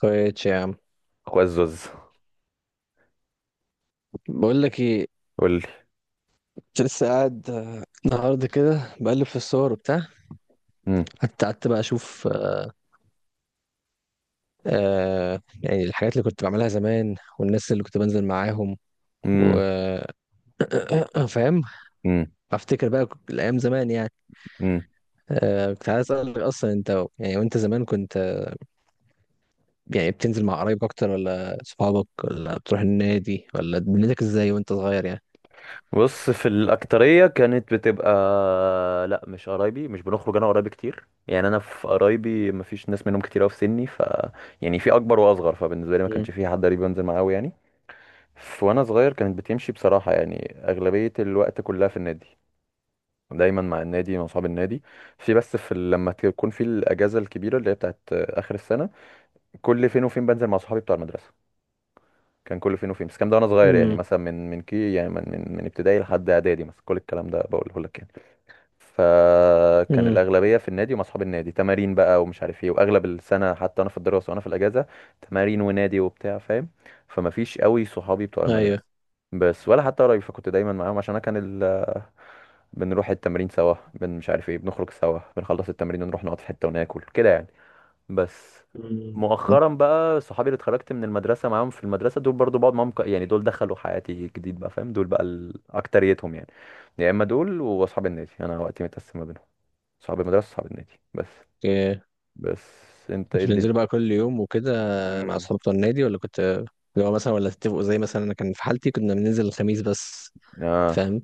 كويس يا عم. اخويا الزوز، بقول لك ايه، قول لي. كنت لسه قاعد النهارده كده بقلب في الصور وبتاع. مم. حتى قعدت بقى اشوف يعني الحاجات اللي كنت بعملها زمان والناس اللي كنت بنزل معاهم مم. وفاهم. مم. افتكر بقى الايام زمان يعني. مم. كنت عايز اسالك، اصلا انت يعني وانت زمان كنت يعني بتنزل مع قرايبك اكتر ولا صحابك ولا بتروح النادي، ولا دنيتك ازاي وانت صغير يعني؟ بص، في الأكترية كانت بتبقى، لا مش قرايبي، مش بنخرج أنا وقرايبي كتير، يعني أنا في قرايبي مفيش ناس منهم كتير أوي في سني يعني في أكبر وأصغر، فبالنسبة لي ما كانش امم. في حد قريب بنزل معاه أوي يعني. وأنا صغير كانت بتمشي بصراحة، يعني أغلبية الوقت كلها في النادي، دايما مع النادي مع أصحاب النادي. في بس في لما تكون في الأجازة الكبيرة اللي هي بتاعت آخر السنة، كل فين وفين بنزل مع صحابي بتوع المدرسة. كان كله فين وفين، بس الكلام ده وانا صغير، يعني مثلا من من كي يعني من من, من ابتدائي لحد اعدادي، مثلا كل الكلام ده بقوله لك يعني. فكان امم. الاغلبيه في النادي ومع اصحاب النادي، تمارين بقى ومش عارف ايه، واغلب السنه حتى انا في الدراسه وانا في الاجازه تمارين ونادي وبتاع، فاهم؟ فما فيش قوي صحابي بتوع ايوه. المدرسه، بس ولا حتى قرايب، فكنت دايما معاهم، عشان انا كان ال... بنروح التمرين سوا، مش عارف ايه، بنخرج سوا، بنخلص التمرين ونروح نقعد في حته وناكل كده يعني. بس مم. مؤخرا بقى، صحابي اللي اتخرجت من المدرسة معاهم، في المدرسة دول برضو بقعد معاهم، يعني دول دخلوا حياتي جديد بقى فاهم. دول بقى أكتريتهم يعني، يا إما دول وأصحاب النادي، أنا وقتي متقسم ما بينهم، صحاب المدرسة وصحاب النادي بس. بس أنت إيه كنت الدنيا؟ بتنزلوا بقى كل يوم وكده مع امم. اصحاب بتوع النادي، ولا كنت لو مثلا ولا تتفقوا، زي مثلا انا كان في حالتي كنا بننزل الخميس بس، آه. فاهم؟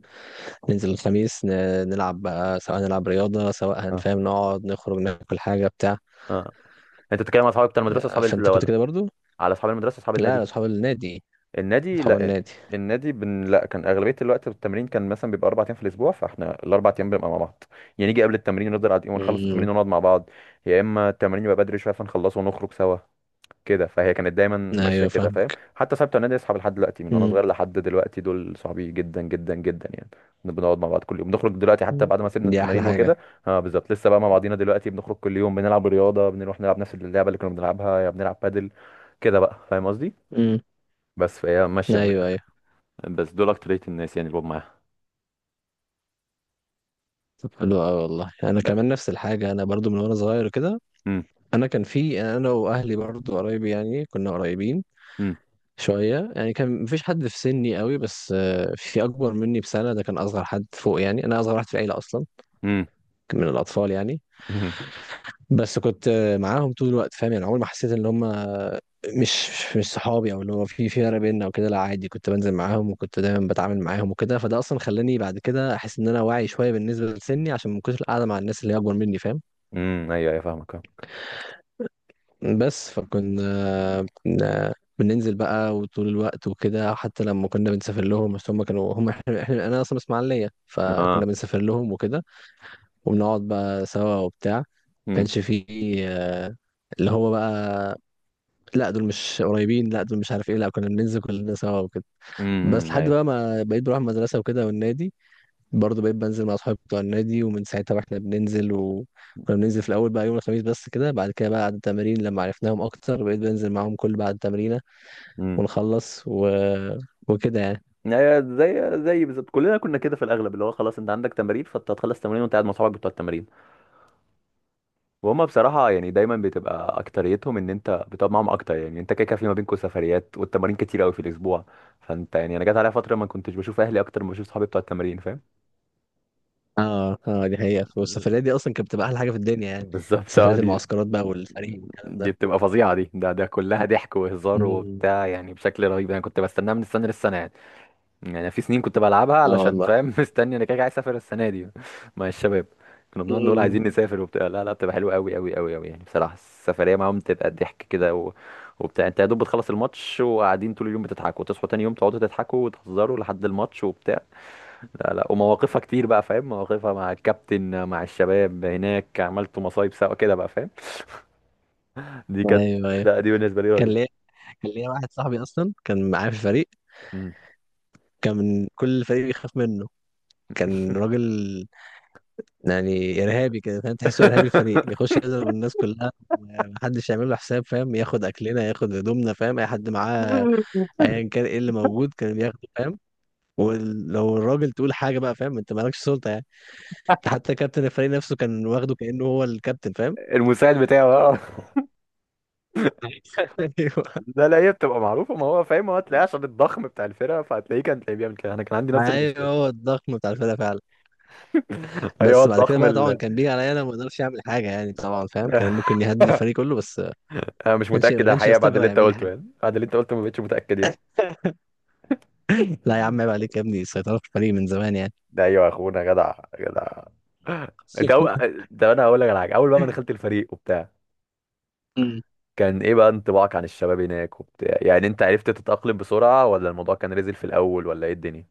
ننزل الخميس نلعب بقى، سواء نلعب رياضة سواء آه. هنفهم نقعد نخرج ناكل حاجة بتاع آه. أنت بتتكلم على أصحابك بتاع المدرسة، أصحاب فانت كنت ولا كده برضو؟ على أصحاب المدرسة أصحاب لا، لا، النادي؟ اصحاب النادي. النادي، اصحاب لا. النادي. النادي لا، كان اغلبيه الوقت التمرين كان مثلا بيبقى اربع ايام في الاسبوع، فاحنا الاربع ايام بنبقى مع بعض، يعني نيجي قبل التمرين نفضل قاعدين ونخلص امم. التمرين ونقعد مع بعض، يا اما التمرين يبقى بدري شويه فنخلصه ونخرج سوا كده. فهي كانت دايما ماشيه ايوه كده فاهم، فاهمك. حتى صاحبت النادي اصحاب لحد دلوقتي، من وانا امم. صغير لحد دلوقتي، دول صحابي جدا جدا جدا يعني، بنقعد مع بعض كل يوم، بنخرج دلوقتي حتى بعد ما سيبنا دي احلى التمارين حاجة. وكده. اه بالظبط، لسه بقى مع بعضينا دلوقتي، بنخرج كل يوم، بنلعب رياضه، بنروح نلعب نفس اللعبه اللي كنا بنلعبها، يا بنلعب بادل، كده بقى فاهم قصدي. امم. بس فهي ماشيه. ايوه، ايوه. بس دول اكترية الناس يعني اللي بقعد معاها. طب حلو قوي والله، انا ب- كمان نفس الحاجة. انا برضو من وانا صغير كده، مم. انا كان في انا واهلي برضو قرايبي يعني كنا قريبين مم. شوية يعني. كان مفيش حد في سني قوي، بس في أكبر مني بسنة ده كان أصغر حد فوق يعني. أنا أصغر واحد في العيلة أصلا، مم. من الأطفال يعني. مم. بس كنت معاهم طول الوقت، فاهم؟ يعني عمري ما حسيت إن هم مش مش صحابي، أو اللي هو في فرق بيننا وكده. لا عادي، كنت بنزل معاهم وكنت دايما بتعامل معاهم وكده. فده أصلا خلاني بعد كده أحس إن أنا واعي شوية بالنسبة لسني، عشان ما كنتش قاعدة مع الناس اللي هي أكبر مني، فاهم؟ مم. ايوه ايوه فاهمك، اه. بس فكنا بننزل بقى وطول الوقت وكده. حتى لما كنا بنسافر لهم، بس هم كانوا هم احنا انا اصلا من اسماعيليه، فكنا آه. بنسافر لهم وكده، وبنقعد بقى سوا وبتاع. ما مم. كانش فيه آه، اللي هو بقى لا دول مش قريبين، لا دول مش عارف ايه، لا كنا بننزل كلنا سوا وكده. بس مم. لحد ايوه. بقى ما بقيت بروح المدرسه وكده والنادي، برضه بقيت بنزل مع اصحابي بتوع النادي. ومن ساعتها بقى احنا بننزل، وكنا بننزل في الاول بقى يوم الخميس بس كده. بعد كده بقى بعد التمارين لما عرفناهم اكتر، بقيت بنزل معاهم كل بعد التمرين، مم. ونخلص و... وكده يعني. ايوه، زي بالظبط كلنا كنا كده في الاغلب، اللي هو خلاص انت عندك تمارين، فانت هتخلص تمارين وانت قاعد مع صحابك بتوع التمارين، وهم بصراحه يعني دايما بتبقى اكتريتهم ان انت بتقعد معاهم اكتر، يعني انت كده كده في ما بينكم سفريات، والتمارين كتير قوي في الاسبوع. فانت يعني، انا جت عليا فتره ما كنتش بشوف اهلي اكتر ما بشوف صحابي بتوع التمارين، فاهم. اه، اه، دي حقيقة. والسفريات دي اصلا كانت بتبقى احلى حاجة في الدنيا يعني، بالظبط اه، سفريات دي المعسكرات بقى والفريق والكلام دي ده. بتبقى فظيعة، دي ده ده كلها ضحك وهزار مم. وبتاع يعني بشكل رهيب، انا كنت بستناها من السنة للسنة يعني. يعني أنا في سنين كنت بلعبها اه علشان والله. فاهم مستني انا، كده كده عايز اسافر السنة دي مع الشباب. كنا بنقعد نقول مم. عايزين نسافر وبتاع. لا لا، بتبقى حلوة قوي قوي قوي قوي يعني، بصراحة السفرية معاهم بتبقى ضحك كده وبتاع. انت يا دوب بتخلص الماتش وقاعدين طول اليوم بتضحكوا، وتصحوا تاني يوم تقعدوا تضحكوا وتهزروا لحد الماتش وبتاع. لا لا ومواقفها كتير بقى فاهم، مواقفها مع الكابتن مع الشباب هناك، عملتوا مصايب سوا كده بقى فاهم. دي كانت، ايوه، ايوه. لا دي بالنسبه لي كان ليا رهيبه. كان ليا واحد صاحبي اصلا كان معايا في الفريق، مم. كان كل الفريق بيخاف منه. كان راجل يعني ارهابي كده، فاهم؟ تحسه ارهابي الفريق، يخش يضرب الناس كلها، محدش يعمل له حساب، فاهم؟ ياخد اكلنا، ياخد هدومنا، فاهم؟ اي حد معاه ايا كان ايه اللي موجود كان بياخده، فاهم؟ ولو الراجل تقول حاجه بقى، فاهم؟ انت مالكش سلطه يعني. انت حتى كابتن الفريق نفسه كان واخده كانه هو الكابتن، فاهم؟ المساعد بتاعه اه. ايوه. لا لا هي بتبقى معروفه، ما هو فاهم، هو هتلاقيه عشان الضخم بتاع الفرقه، فهتلاقيه كان تلاقيه بيعمل كده، انا كان عندي نفس ايوه، المشكله. هو الضخم بتاع الفرقه فعلا. ايوه بس بعد كده الضخم بقى طبعا كان بيجي عليا انا ما اقدرش اعمل حاجه يعني طبعا، فاهم؟ كان ممكن يهدد الفريق كله، بس ما انا مش كانش ما متاكد كانش الحقيقه بعد يستجرأ اللي انت يعمل لي قلته، حاجه. يعني بعد اللي انت قلته ما بقتش متاكد يعني. لا يا عم، عيب عليك يا ابني، السيطره في الفريق من زمان يعني. ده ايوه يا اخونا، جدع، جدع، انت ده انا هقول لك على حاجه. اول بقى ما دخلت الفريق وبتاع، مم. كان ايه بقى انطباعك عن الشباب هناك وبتاع يعني، انت عرفت تتاقلم بسرعه ولا الموضوع كان نزل في الاول ولا ايه الدنيا؟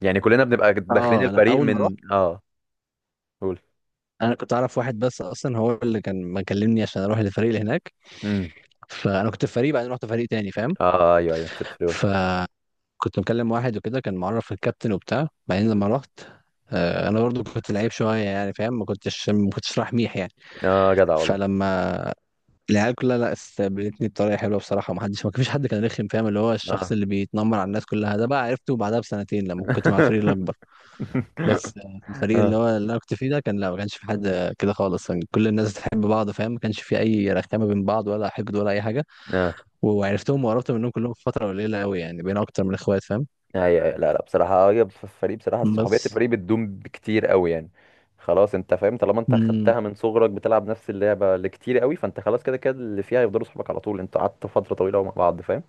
يعني كلنا بنبقى داخلين اه، انا الفريق اول ما رحت، من اه. قول. انا كنت اعرف واحد بس اصلا، هو اللي كان مكلمني عشان اروح للفريق اللي هناك. امم. فانا كنت في فريق، بعدين رحت فريق تاني، فاهم؟ اه ايوه ايوه، ست فلور ف الفريق. كنت مكلم واحد وكده، كان معرف الكابتن وبتاع، بعدين مم. لما رحت انا برضو كنت لعيب شويه يعني، فاهم؟ ما كنتش رايح ميح يعني. اه جدع والله. فلما العيال كلها لا، استقبلتني بطريقه حلوه بصراحه، ما فيش حد كان رخم، فاهم؟ اللي هو الشخص اه. اللي بيتنمر على الناس كلها ده بقى عرفته بعدها بسنتين، لما كنت مع الفريق الاكبر. بس الفريق اللي اه. هو اللي انا كنت فيه ده كان لا، ما كانش في حد كده خالص، كان كل الناس بتحب بعض، فاهم؟ ما كانش في اي رخامه بين بعض، ولا حقد ولا اي حاجه. اه وعرفتهم وقربت منهم كلهم في فتره قليله قوي يعني، بين اكتر من اخوات، فاهم؟ ايوه ايوه، لا لا بصراحه، هي في الفريق بصراحه صحوبيه بس. الفريق بتدوم بكتير قوي يعني. خلاص انت فاهم طالما انت خدتها من صغرك بتلعب نفس اللعبه اللي كتير قوي، فانت خلاص كده كده اللي فيها هيفضلوا صحابك على طول، انت قعدت فتره طويله مع بعض فاهم.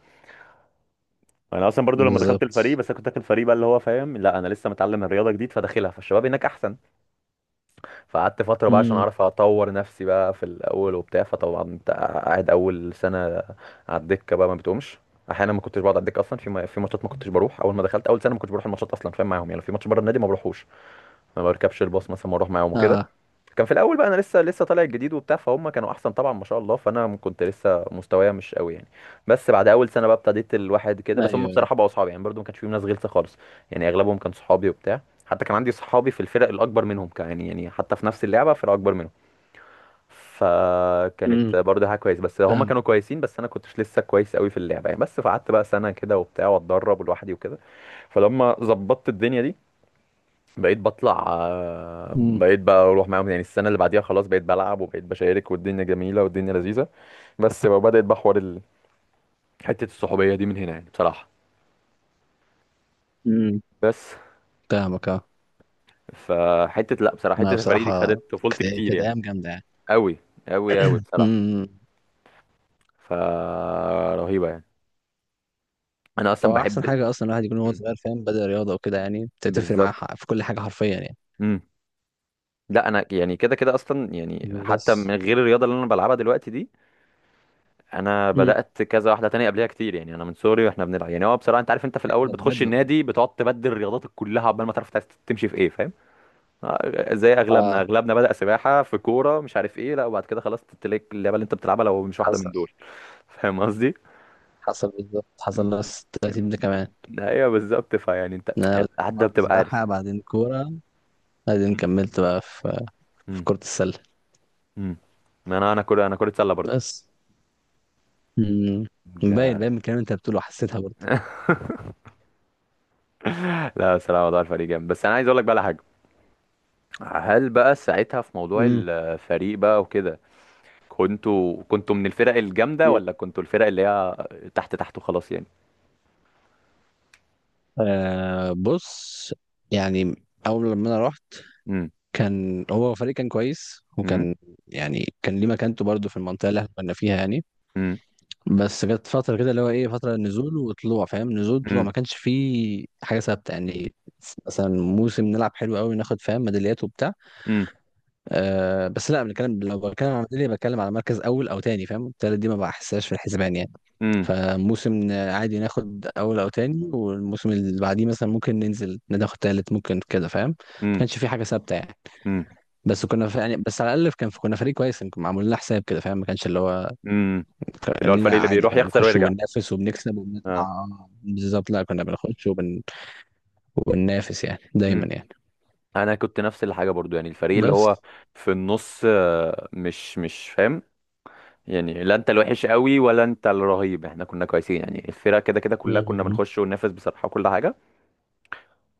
انا اصلا برضو لما دخلت الفريق، بالظبط. بس انا كنت داخل الفريق بقى اللي هو فاهم، لا انا لسه متعلم الرياضه جديد فداخلها، فالشباب هناك احسن، فقعدت فترة بقى عشان امم. أعرف أطور نفسي بقى في الأول وبتاع. فطبعا أنت قاعد أول سنة على الدكة بقى ما بتقومش، أحيانا ما كنتش بقعد على الدكة أصلا، في في ماتشات ما كنتش بروح، أول ما دخلت أول سنة ما كنتش بروح الماتشات أصلا فاهم معاهم يعني، لو في ماتش بره النادي ما بروحوش، ما بركبش الباص مثلا ما أروح معاهم وكده. اه، كان في الاول بقى انا لسه طالع الجديد وبتاع، فهم كانوا احسن طبعا ما شاء الله، فانا كنت لسه مستوايا مش قوي يعني. بس بعد اول سنه بقى ابتديت الواحد كده، ايوه، بس هم ايوه. بصراحه بقوا اصحابي يعني، برضو ما كانش فيهم ناس غلسه خالص، يعني اغلبهم كان صحابي وبتاع. حتى كان عندي صحابي في الفرق الاكبر منهم كان يعني، يعني حتى في نفس اللعبه فرق اكبر منهم، امم. فكانت برضه حاجه كويس، بس هم فاهم. كانوا كويسين بس انا كنتش لسه كويس قوي في اللعبه يعني. بس فقعدت بقى سنه كده وبتاع واتدرب لوحدي وكده. فلما ظبطت الدنيا دي بقيت بطلع آه، امم. بقيت بقى اروح معاهم يعني، السنه اللي بعديها خلاص بقيت بلعب وبقيت بشارك، والدنيا جميله والدنيا لذيذه. بس بقى بدات بقى حوار حته الصحوبيه دي من هنا يعني بصراحه. امم. بس فاهمك، اه. فحته، لا بصراحه حته ما الفريق دي بصراحه خدت طفولتي كانت كتير كانت يعني. ايام جامده يعني. قوي قوي قوي بصراحه، امم. فرهيبه يعني. انا اصلا هو احسن بحب. حاجه اصلا الواحد يكون وهو مم. صغير، فاهم؟ بدا رياضه وكده، يعني بتفرق معاه بالظبط. في كل حاجه حرفيا يعني. امم. لا انا يعني كده كده اصلا يعني، حتى من بس. غير الرياضه اللي انا بلعبها دلوقتي دي، انا امم. بدات كذا واحده تانية قبلها كتير يعني، انا من صغري واحنا بنلعب يعني، هو بصراحه انت عارف انت في الاول ده بتخش بجد والله. النادي بتقعد تبدل رياضاتك كلها عقبال ما تعرف، تمشي في ايه فاهم. آه، زي اغلبنا، اه اغلبنا بدا سباحه في كوره مش عارف ايه، لا وبعد كده خلاص تلاقي اللعبه اللي انت بتلعبها لو مش واحده من حصل. دول. فاهم قصدي. حصل بالظبط، حصل نفس التلاتين ده كمان. ايوه بالظبط، فيعني انت إن انا بدات القعده برضه بتبقى عارف. سباحه، بعدين كوره، بعدين مم. كملت بقى في مم. كره السله. مم. ما انا كره، انا كره سله برضو. بس. امم. باين ده باين من الكلام اللي انت بتقوله حسيتها برضه. لا بصراحه موضوع الفريق جامد، بس انا عايز اقول لك بقى على حاجه. هل بقى ساعتها في موضوع الفريق بقى وكده، كنتوا كنتوا من الفرق الجامدة مم. ولا كنتوا الفرق اللي هي تحت تحت وخلاص يعني؟ آه بص، يعني اول لما انا رحت امم. كان هو فريق كان كويس، امم. وكان يعني كان ليه مكانته برضه في المنطقه اللي احنا كنا فيها يعني. امم. بس جت فتره كده اللي هو ايه، فتره نزول وطلوع، فاهم؟ نزول طلوع، امم. ما كانش فيه حاجه ثابته يعني. مثلا موسم نلعب حلو قوي، ناخد فاهم ميداليات وبتاع. امم. أه بس لا، بنتكلم لو بتكلم على ميدالية بتكلم على مركز اول او تاني، فاهم؟ التالت دي ما بحسهاش في الحسبان يعني. امم. فموسم عادي ناخد اول او تاني، والموسم اللي بعديه مثلا ممكن ننزل ناخد تالت ممكن كده، فاهم؟ ما امم. كانش في حاجه ثابته يعني. امم. بس كنا ف... يعني بس على الاقل كان في، كنا فريق كويس كنا معمول لنا حساب كده، فاهم؟ ما كانش اللي هو، امم. اللي هو الفريق قلنا اللي عادي بيروح كنا يخسر بنخش ويرجع. وبننافس وبنكسب وبنطلع اه. بالظبط. لا كنا بنخش وبننافس يعني دايما امم. يعني. انا كنت نفس الحاجة برضو يعني، الفريق اللي بس. هو في النص آه، مش فاهم يعني، لا انت الوحش قوي ولا انت الرهيب، احنا كنا كويسين يعني الفرقة كده كده كلها كنا مم. بنخش وننافس بصراحة وكل حاجة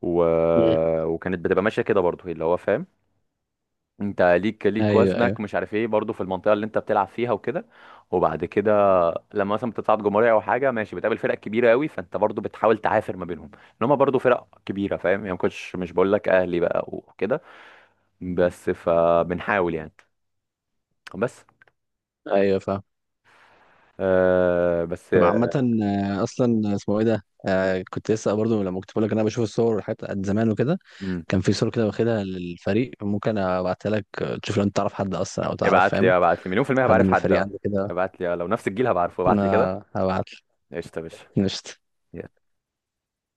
و... مم. وكانت بتبقى ماشية كده برضو اللي هو فاهم، انت ليك ايوه، ايوه. وزنك مش عارف ايه برضو في المنطقه اللي انت بتلعب فيها وكده. وبعد كده لما مثلا بتصعد جمهوريه او حاجه ماشي بتقابل فرق كبيره قوي، فانت برضو بتحاول تعافر ما بينهم ان هم برضو فرق كبيره فاهم يعني، ما كنتش مش بقول لك اهلي بقى وكده، بس فبنحاول يعني. بس ايوه فاهم. آه بس طب آه، عامة، أصلا اسمه إيه ده؟ كنت لسه برضو لما كنت بقول لك إن أنا بشوف الصور والحاجات قد زمان وكده، امم. كان في صور كده واخدها للفريق، ممكن أبعتها لك تشوف لو أنت تعرف حد أصلا، أو تعرف ابعت فاهم لي ابعت لي مليون في الميه حد بعرف من الفريق حد، عنده كده. ابعت لي لو نفس الجيل هبعرفه، ابعت أنا لي كده. هبعت لك. قشطه يا باشا. قشطة.